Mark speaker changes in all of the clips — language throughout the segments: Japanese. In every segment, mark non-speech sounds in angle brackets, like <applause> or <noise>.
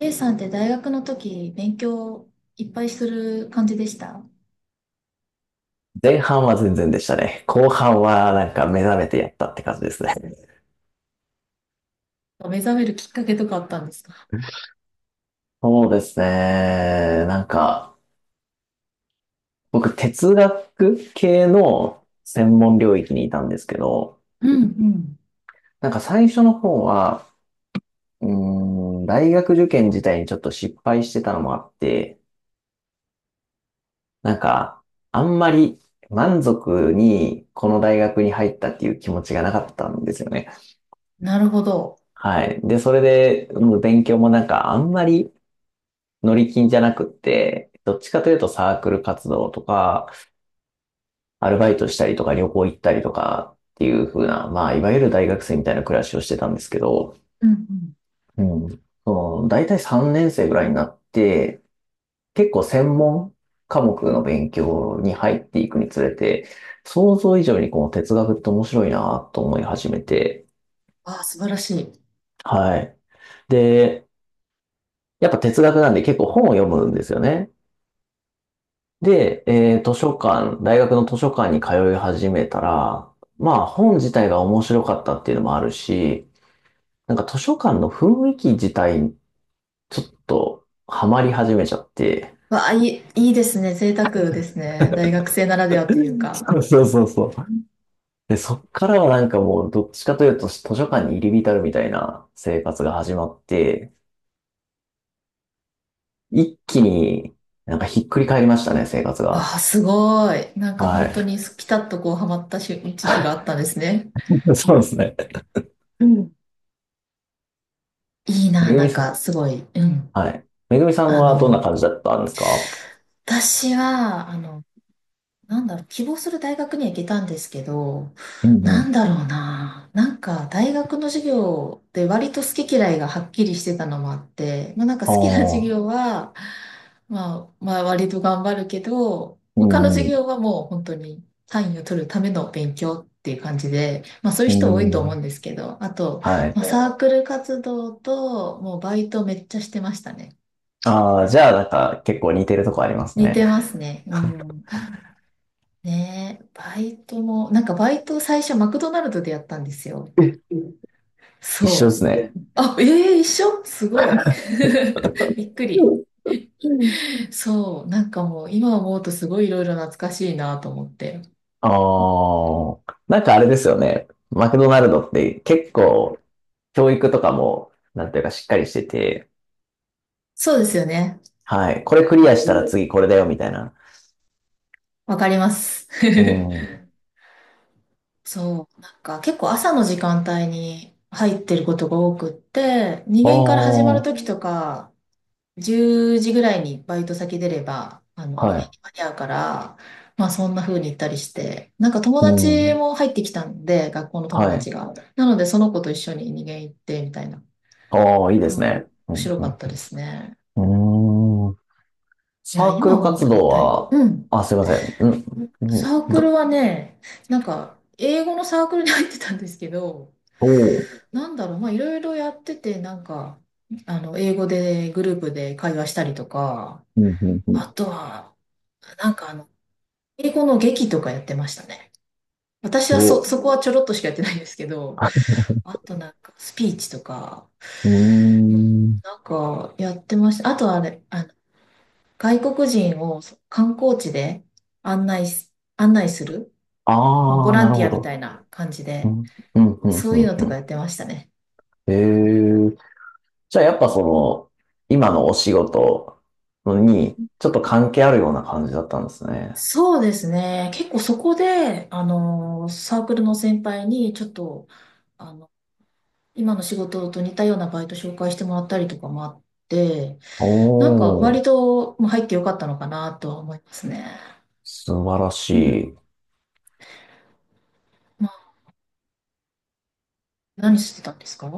Speaker 1: A さんって大学の時勉強いっぱいする感じでした？
Speaker 2: 前半は全然でしたね。後半は目覚めてやったって感じですね。<laughs>
Speaker 1: 目覚めるきっかけとかあったんですか？
Speaker 2: そうですね。僕哲学系の専門領域にいたんですけど、
Speaker 1: うんうん。
Speaker 2: 最初の方は、大学受験自体にちょっと失敗してたのもあって、なんか、あんまり満足にこの大学に入ったっていう気持ちがなかったんですよね。
Speaker 1: なるほど。
Speaker 2: はい。で、それで、もう勉強もなんかあんまり乗り金じゃなくって、どっちかというとサークル活動とか、アルバイトしたりとか旅行行ったりとかっていう風な、まあ、いわゆる大学生みたいな暮らしをしてたんですけど、
Speaker 1: うんうん。
Speaker 2: うん。その、大体3年生ぐらいになって、結構専門科目の勉強に入っていくにつれて、想像以上にこの哲学って面白いなと思い始めて、
Speaker 1: ああ、素晴らしい。
Speaker 2: はい。で、やっぱ哲学なんで結構本を読むんですよね。で、図書館、大学の図書館に通い始めたら、まあ本自体が面白かったっていうのもあるし、なんか図書館の雰囲気自体にちょっとハマり始めちゃって。
Speaker 1: わあ、いいですね。贅沢ですね。大学生ならではというか。
Speaker 2: そうそうそうそう。で、そっからはなんかもうどっちかというと図書館に入り浸るみたいな生活が始まって、一気になんかひっくり返りましたね、生活が。
Speaker 1: わあ、すごい。なんか
Speaker 2: は
Speaker 1: 本当
Speaker 2: い。
Speaker 1: にピタッとこうハマったし時期があったんですね。
Speaker 2: <laughs> そうですね。め
Speaker 1: いいな、
Speaker 2: ぐ
Speaker 1: な
Speaker 2: み
Speaker 1: ん
Speaker 2: さ
Speaker 1: か、
Speaker 2: ん、
Speaker 1: すごい。うんん。
Speaker 2: はい。めぐみさん
Speaker 1: あ
Speaker 2: はどんな
Speaker 1: の、
Speaker 2: 感じだったんですか？
Speaker 1: 私は、あの、なんだろう、希望する大学には行けたんですけど、
Speaker 2: う
Speaker 1: な
Speaker 2: ん。
Speaker 1: んだろうな、なんか、大学の授業で割と好き嫌いがはっきりしてたのもあって、まあ、なんか
Speaker 2: あ
Speaker 1: 好きな授業
Speaker 2: あ、
Speaker 1: は、まあ、割と頑張るけど、
Speaker 2: う
Speaker 1: 他の授
Speaker 2: ん、
Speaker 1: 業はもう本当に単位を取るための勉強っていう感じで、まあ、そうい
Speaker 2: う
Speaker 1: う人多いと思う
Speaker 2: ん、
Speaker 1: んですけど、あと、
Speaker 2: はい。
Speaker 1: まあ、サークル活動と、もうバイトめっちゃしてましたね。
Speaker 2: ああ、じゃあ、なんか、結構似てるとこあります
Speaker 1: 似て
Speaker 2: ね。
Speaker 1: ますね。うん。ねえ、バイトも、なんかバイト最初マクドナルドでやったんですよ。
Speaker 2: え、
Speaker 1: うん、
Speaker 2: 一緒で
Speaker 1: そ
Speaker 2: す
Speaker 1: う。
Speaker 2: ね。
Speaker 1: あ、ええ一緒すごい。<laughs> びっく
Speaker 2: う
Speaker 1: り。
Speaker 2: んうん。
Speaker 1: そう、なんかもう今思うとすごいいろいろ懐かしいなと思って。
Speaker 2: ああ、なんかあれですよね。マクドナルドって結構、教育とかも、なんていうか、しっかりしてて、
Speaker 1: そうですよね。
Speaker 2: はい。これクリアしたら次これだよ、みたいな。
Speaker 1: わかります。
Speaker 2: うん。あ
Speaker 1: <laughs> そう、なんか結構朝の時間帯に入ってることが多くって、2限から始ま
Speaker 2: あ、
Speaker 1: る時とか、10時ぐらいにバイト先出れば、あの、逃げに
Speaker 2: はい。
Speaker 1: 間に合うから、まあそんな風に行ったりして、なんか友
Speaker 2: う
Speaker 1: 達
Speaker 2: ん。
Speaker 1: も入ってきたんで、学校の友
Speaker 2: は
Speaker 1: 達
Speaker 2: い。
Speaker 1: が。なのでその子と一緒に逃げ行ってみたいな。
Speaker 2: ああ、いい
Speaker 1: う
Speaker 2: で
Speaker 1: ん、
Speaker 2: す
Speaker 1: 面
Speaker 2: ね。うん、
Speaker 1: 白
Speaker 2: う
Speaker 1: かったで
Speaker 2: ん。
Speaker 1: すね。
Speaker 2: うーん。
Speaker 1: いや、
Speaker 2: サーク
Speaker 1: 今
Speaker 2: ル
Speaker 1: 思うと
Speaker 2: 活
Speaker 1: ね、
Speaker 2: 動
Speaker 1: 大変。
Speaker 2: は、
Speaker 1: うん。
Speaker 2: あ、すいません。うん。う
Speaker 1: サー
Speaker 2: ん
Speaker 1: クル
Speaker 2: ど、
Speaker 1: はね、なんか英語のサークルに入ってたんですけど、
Speaker 2: おお、
Speaker 1: なんだろう、まあいろいろやってて、なんか、あの、英語でグループで会話したりとか、
Speaker 2: うん、うん、うん。
Speaker 1: あとは、なんか英語の劇とかやってましたね。私は
Speaker 2: そ
Speaker 1: そこはちょろっとしかやってないんですけど、あとなんかスピーチとか、
Speaker 2: う。うーん。
Speaker 1: なんかやってました。あとあれ、あの、外国人をそ観光地で案内する、まあ、ボ
Speaker 2: ああ、
Speaker 1: ラ
Speaker 2: な
Speaker 1: ン
Speaker 2: る
Speaker 1: ティ
Speaker 2: ほ
Speaker 1: アみた
Speaker 2: ど。
Speaker 1: いな感じ
Speaker 2: う
Speaker 1: で、
Speaker 2: ん、うん、うん、
Speaker 1: そ
Speaker 2: う
Speaker 1: ういう
Speaker 2: ん、
Speaker 1: の
Speaker 2: う
Speaker 1: とかや
Speaker 2: ん。
Speaker 1: ってましたね。
Speaker 2: へえ。じゃあやっぱその、今のお仕事に、ちょっと関係あるような感じだったんですね。
Speaker 1: そうですね。結構そこで、あの、サークルの先輩に、ちょっと、あの、今の仕事と似たようなバイト紹介してもらったりとかもあって、
Speaker 2: お
Speaker 1: なんか割
Speaker 2: お、
Speaker 1: ともう入ってよかったのかなとは思いますね。
Speaker 2: 素晴らし
Speaker 1: うん。
Speaker 2: い。
Speaker 1: まあ、何してたんですか？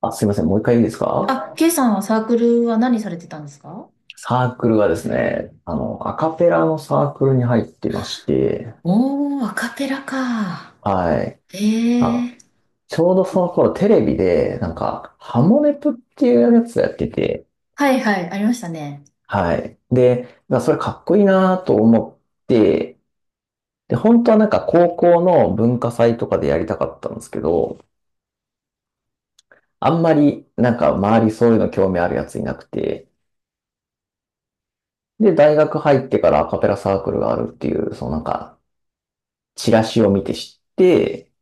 Speaker 2: あ、すいません、もう一回いいですか？
Speaker 1: あ、ケイさんはサークルは何されてたんですか？
Speaker 2: サークルがですね、あの、アカペラのサークルに入っていまして、
Speaker 1: おー、アカペラか。
Speaker 2: はい。
Speaker 1: え
Speaker 2: あ、
Speaker 1: え、
Speaker 2: ちょうどその頃テレビで、なんか、ハモネプっていうやつをやってて、
Speaker 1: はいはい、ありましたね。
Speaker 2: はい。で、まあ、それかっこいいなと思って、で、本当はなんか高校の文化祭とかでやりたかったんですけど、あんまりなんか周りそういうの興味あるやついなくて、で、大学入ってからアカペラサークルがあるっていう、そのなんか、チラシを見て知って、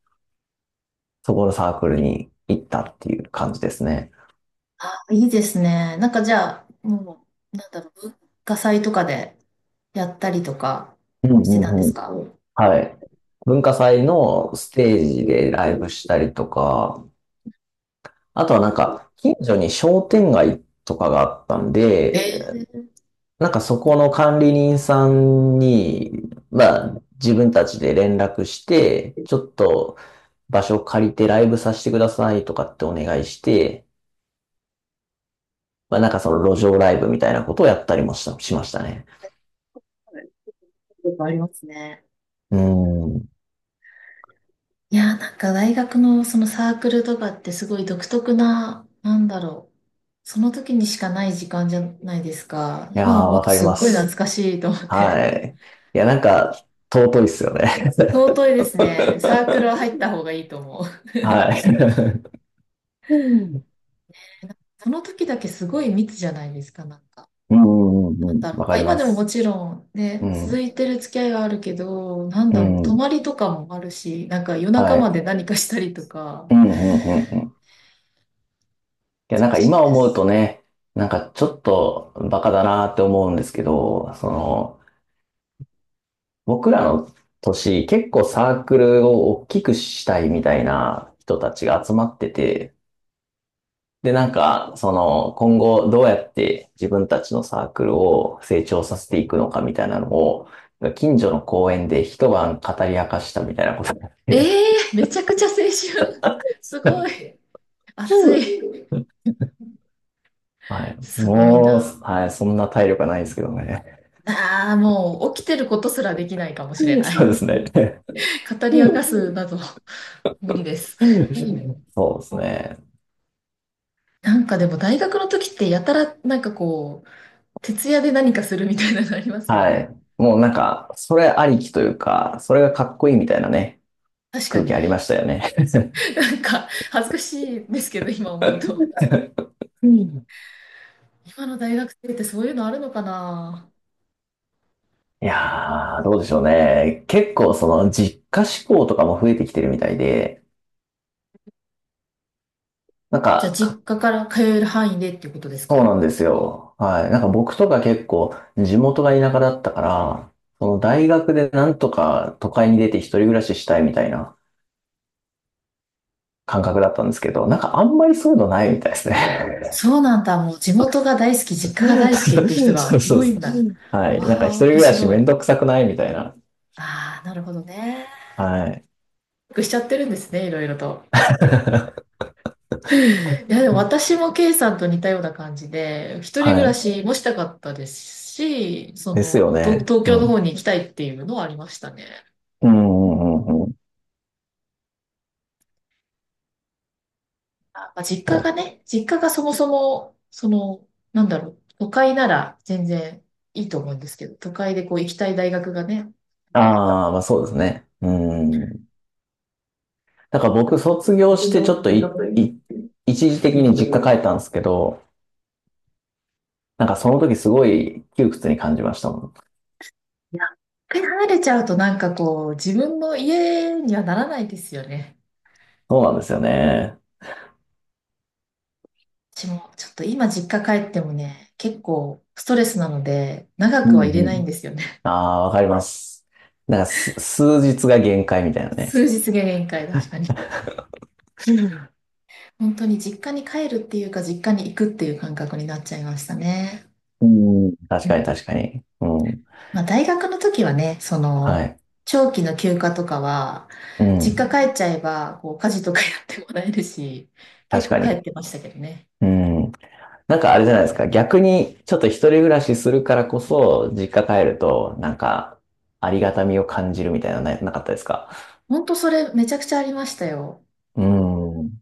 Speaker 2: そこのサークルに行ったっていう感じですね。
Speaker 1: あ、いいですね。なんかじゃあ、もう、なんだろう、文化祭とかでやったりとか
Speaker 2: うん
Speaker 1: してた
Speaker 2: う
Speaker 1: んで
Speaker 2: んう
Speaker 1: す
Speaker 2: ん。
Speaker 1: か？うん、
Speaker 2: はい。文化祭のステージでライブしたりとか、あとはなんか、近所に商店街とかがあったん
Speaker 1: え
Speaker 2: で、
Speaker 1: ー、
Speaker 2: なんかそこの管理人さんに、まあ、自分たちで連絡して、ちょっと場所借りてライブさせてくださいとかってお願いして、まあなんかその路上ライブみたいなことをやったりもしましたね。
Speaker 1: やありますね。
Speaker 2: うん。い
Speaker 1: いやー、なんか大学のそのサークルとかってすごい独特な、なんだろう。その時にしかない時間じゃないですか。
Speaker 2: や
Speaker 1: 今
Speaker 2: ー、
Speaker 1: 思う
Speaker 2: わ
Speaker 1: と
Speaker 2: かり
Speaker 1: すっ
Speaker 2: ま
Speaker 1: ごい
Speaker 2: す。
Speaker 1: 懐かしいと思って。
Speaker 2: はい。いや、なんか、尊いっすよね。
Speaker 1: 尊いですね。サーク
Speaker 2: <laughs>
Speaker 1: ルは入った方がいいと思う。
Speaker 2: はい。うん
Speaker 1: その時だけすごい密じゃないですか、なんか。
Speaker 2: うんうんうん。
Speaker 1: なんだろう。
Speaker 2: わ
Speaker 1: ま
Speaker 2: か
Speaker 1: あ、
Speaker 2: り
Speaker 1: 今
Speaker 2: ま
Speaker 1: でもも
Speaker 2: す。
Speaker 1: ちろんね、
Speaker 2: う
Speaker 1: 続
Speaker 2: ん。
Speaker 1: いてる付き合いはあるけど、なん
Speaker 2: う
Speaker 1: だろう、
Speaker 2: ん。
Speaker 1: 泊まりとかもあるし、なんか夜中
Speaker 2: は
Speaker 1: ま
Speaker 2: い。
Speaker 1: で何かしたりとか、
Speaker 2: うん、うん、うん、うん。いや、なん
Speaker 1: 懐
Speaker 2: か
Speaker 1: かしい
Speaker 2: 今
Speaker 1: で
Speaker 2: 思うと
Speaker 1: す。
Speaker 2: ね、なんかちょっとバカだなって思うんですけど、その、僕らの年、結構サークルを大きくしたいみたいな人たちが集まってて、で、なんか、その、今後どうやって自分たちのサークルを成長させていくのかみたいなのを、近所の公園で一晩語り明かしたみたいなことがあっ
Speaker 1: え
Speaker 2: て、
Speaker 1: えー、めちゃくちゃ青春。すご
Speaker 2: <laughs>
Speaker 1: い。暑い。
Speaker 2: はい。
Speaker 1: すごい
Speaker 2: も
Speaker 1: な。
Speaker 2: う、はい、そんな体力はないですけどね。
Speaker 1: ああ、もう起きてることすらできないかもしれ
Speaker 2: <laughs>
Speaker 1: な
Speaker 2: そう
Speaker 1: い。
Speaker 2: ですね。
Speaker 1: 語り明かすなど、無理です。うん。
Speaker 2: <laughs> そうですね。
Speaker 1: なんかでも大学の時ってやたらなんかこう、徹夜で何かするみたいなのありますよ
Speaker 2: はい。
Speaker 1: ね。
Speaker 2: もうなんか、それありきというか、それがかっこいいみたいなね、
Speaker 1: 確か
Speaker 2: 空
Speaker 1: に。
Speaker 2: 気ありましたよね。
Speaker 1: なんか恥ずかしいですけど、今思うと。
Speaker 2: <laughs> うん。
Speaker 1: 今の大学生ってそういうのあるのかな？
Speaker 2: いやー、どうでしょうね。結構その実家志向とかも増えてきてるみたいで、なん
Speaker 1: じゃあ
Speaker 2: か、
Speaker 1: 実
Speaker 2: か
Speaker 1: 家から通える範囲でっていうことです
Speaker 2: そうな
Speaker 1: か？
Speaker 2: んですよ。はい。なんか僕とか結構地元が田舎だったから、その大学でなんとか都会に出て一人暮らししたいみたいな感覚だったんですけど、なんかあんまりそういうのないみたいですね。
Speaker 1: そうなんだ。もう地元が大好き、実家が
Speaker 2: <laughs>
Speaker 1: 大好き
Speaker 2: そ
Speaker 1: っ
Speaker 2: う
Speaker 1: ていう人
Speaker 2: そ
Speaker 1: が
Speaker 2: うそ
Speaker 1: 多い
Speaker 2: う。
Speaker 1: んだ。
Speaker 2: はい。
Speaker 1: わ
Speaker 2: なんか
Speaker 1: あ、
Speaker 2: 一人
Speaker 1: 面
Speaker 2: 暮らし
Speaker 1: 白
Speaker 2: めん
Speaker 1: い。
Speaker 2: どくさくないみたいな。
Speaker 1: ああ、なるほどね。
Speaker 2: はい。
Speaker 1: しちゃってるんですね、いろいろと。
Speaker 2: <laughs>
Speaker 1: いや、でも私も K さんと似たような感じで、一人暮
Speaker 2: は
Speaker 1: ら
Speaker 2: い。
Speaker 1: しもしたかったですし、そ
Speaker 2: です
Speaker 1: の、
Speaker 2: よね。
Speaker 1: 東
Speaker 2: う
Speaker 1: 京の方
Speaker 2: ん。
Speaker 1: に行きたいっていうのはありましたね。
Speaker 2: うんうんうんうん。
Speaker 1: あ、まあ、
Speaker 2: そう。
Speaker 1: 実家がそもそも、その、なんだろう、都会なら全然いいと思うんですけど、都会でこう行きたい大学がね、
Speaker 2: ああ、まあそうですね。うん。だから僕卒業し
Speaker 1: 卒
Speaker 2: てちょ
Speaker 1: 業
Speaker 2: っ
Speaker 1: し
Speaker 2: と
Speaker 1: てど
Speaker 2: い、
Speaker 1: こ行
Speaker 2: い、
Speaker 1: っ
Speaker 2: 一時的に
Speaker 1: て
Speaker 2: 実
Speaker 1: みよ
Speaker 2: 家帰っ
Speaker 1: う。
Speaker 2: たんですけど、なんかその時すごい窮屈に感じましたもん。
Speaker 1: いや、一回離れちゃうとなんかこう、自分の家にはならないですよね。
Speaker 2: そうなんですよね。
Speaker 1: 私もちょっと今実家帰ってもね、結構ストレスなので、長
Speaker 2: う
Speaker 1: く
Speaker 2: ん
Speaker 1: は入れ
Speaker 2: う
Speaker 1: ないん
Speaker 2: ん。
Speaker 1: ですよね。
Speaker 2: ああ、わかります。数日が限界みたい
Speaker 1: <laughs>
Speaker 2: なね。
Speaker 1: 数日が限界、確かに。本当に実家に帰るっていうか、実家に行くっていう感覚になっちゃいましたね。
Speaker 2: うん。
Speaker 1: う
Speaker 2: 確か
Speaker 1: ん。
Speaker 2: に確かに。うん。
Speaker 1: まあ、大学の時はね、そ
Speaker 2: は
Speaker 1: の、
Speaker 2: い。
Speaker 1: 長期の休暇とかは、
Speaker 2: うん。
Speaker 1: 実家帰っちゃえば、こう、家事とかやってもらえるし、結
Speaker 2: 確
Speaker 1: 構
Speaker 2: か
Speaker 1: 帰
Speaker 2: に。
Speaker 1: ってましたけどね。
Speaker 2: うん。なんかあれじゃないですか。逆に、ちょっと一人暮らしするからこそ、実家帰ると、なんか、ありがたみを感じるみたいなのな、なかったですか？
Speaker 1: 本当それめちゃくちゃありましたよ。
Speaker 2: うん。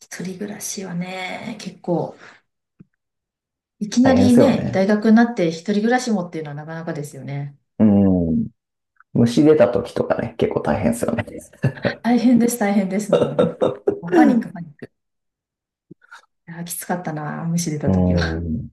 Speaker 1: 一人暮らしはね、結構いきな
Speaker 2: 大変で
Speaker 1: り
Speaker 2: すよ
Speaker 1: ね、大
Speaker 2: ね。
Speaker 1: 学になって一人暮らしもっていうのはなかなかですよね。
Speaker 2: うん。虫出た時とかね、結構大変ですよね。
Speaker 1: 大変です、大変です。もう、もうパニック、パニ
Speaker 2: <laughs>
Speaker 1: ック。あー、きつかったな、虫出た
Speaker 2: う
Speaker 1: 時は。
Speaker 2: ん。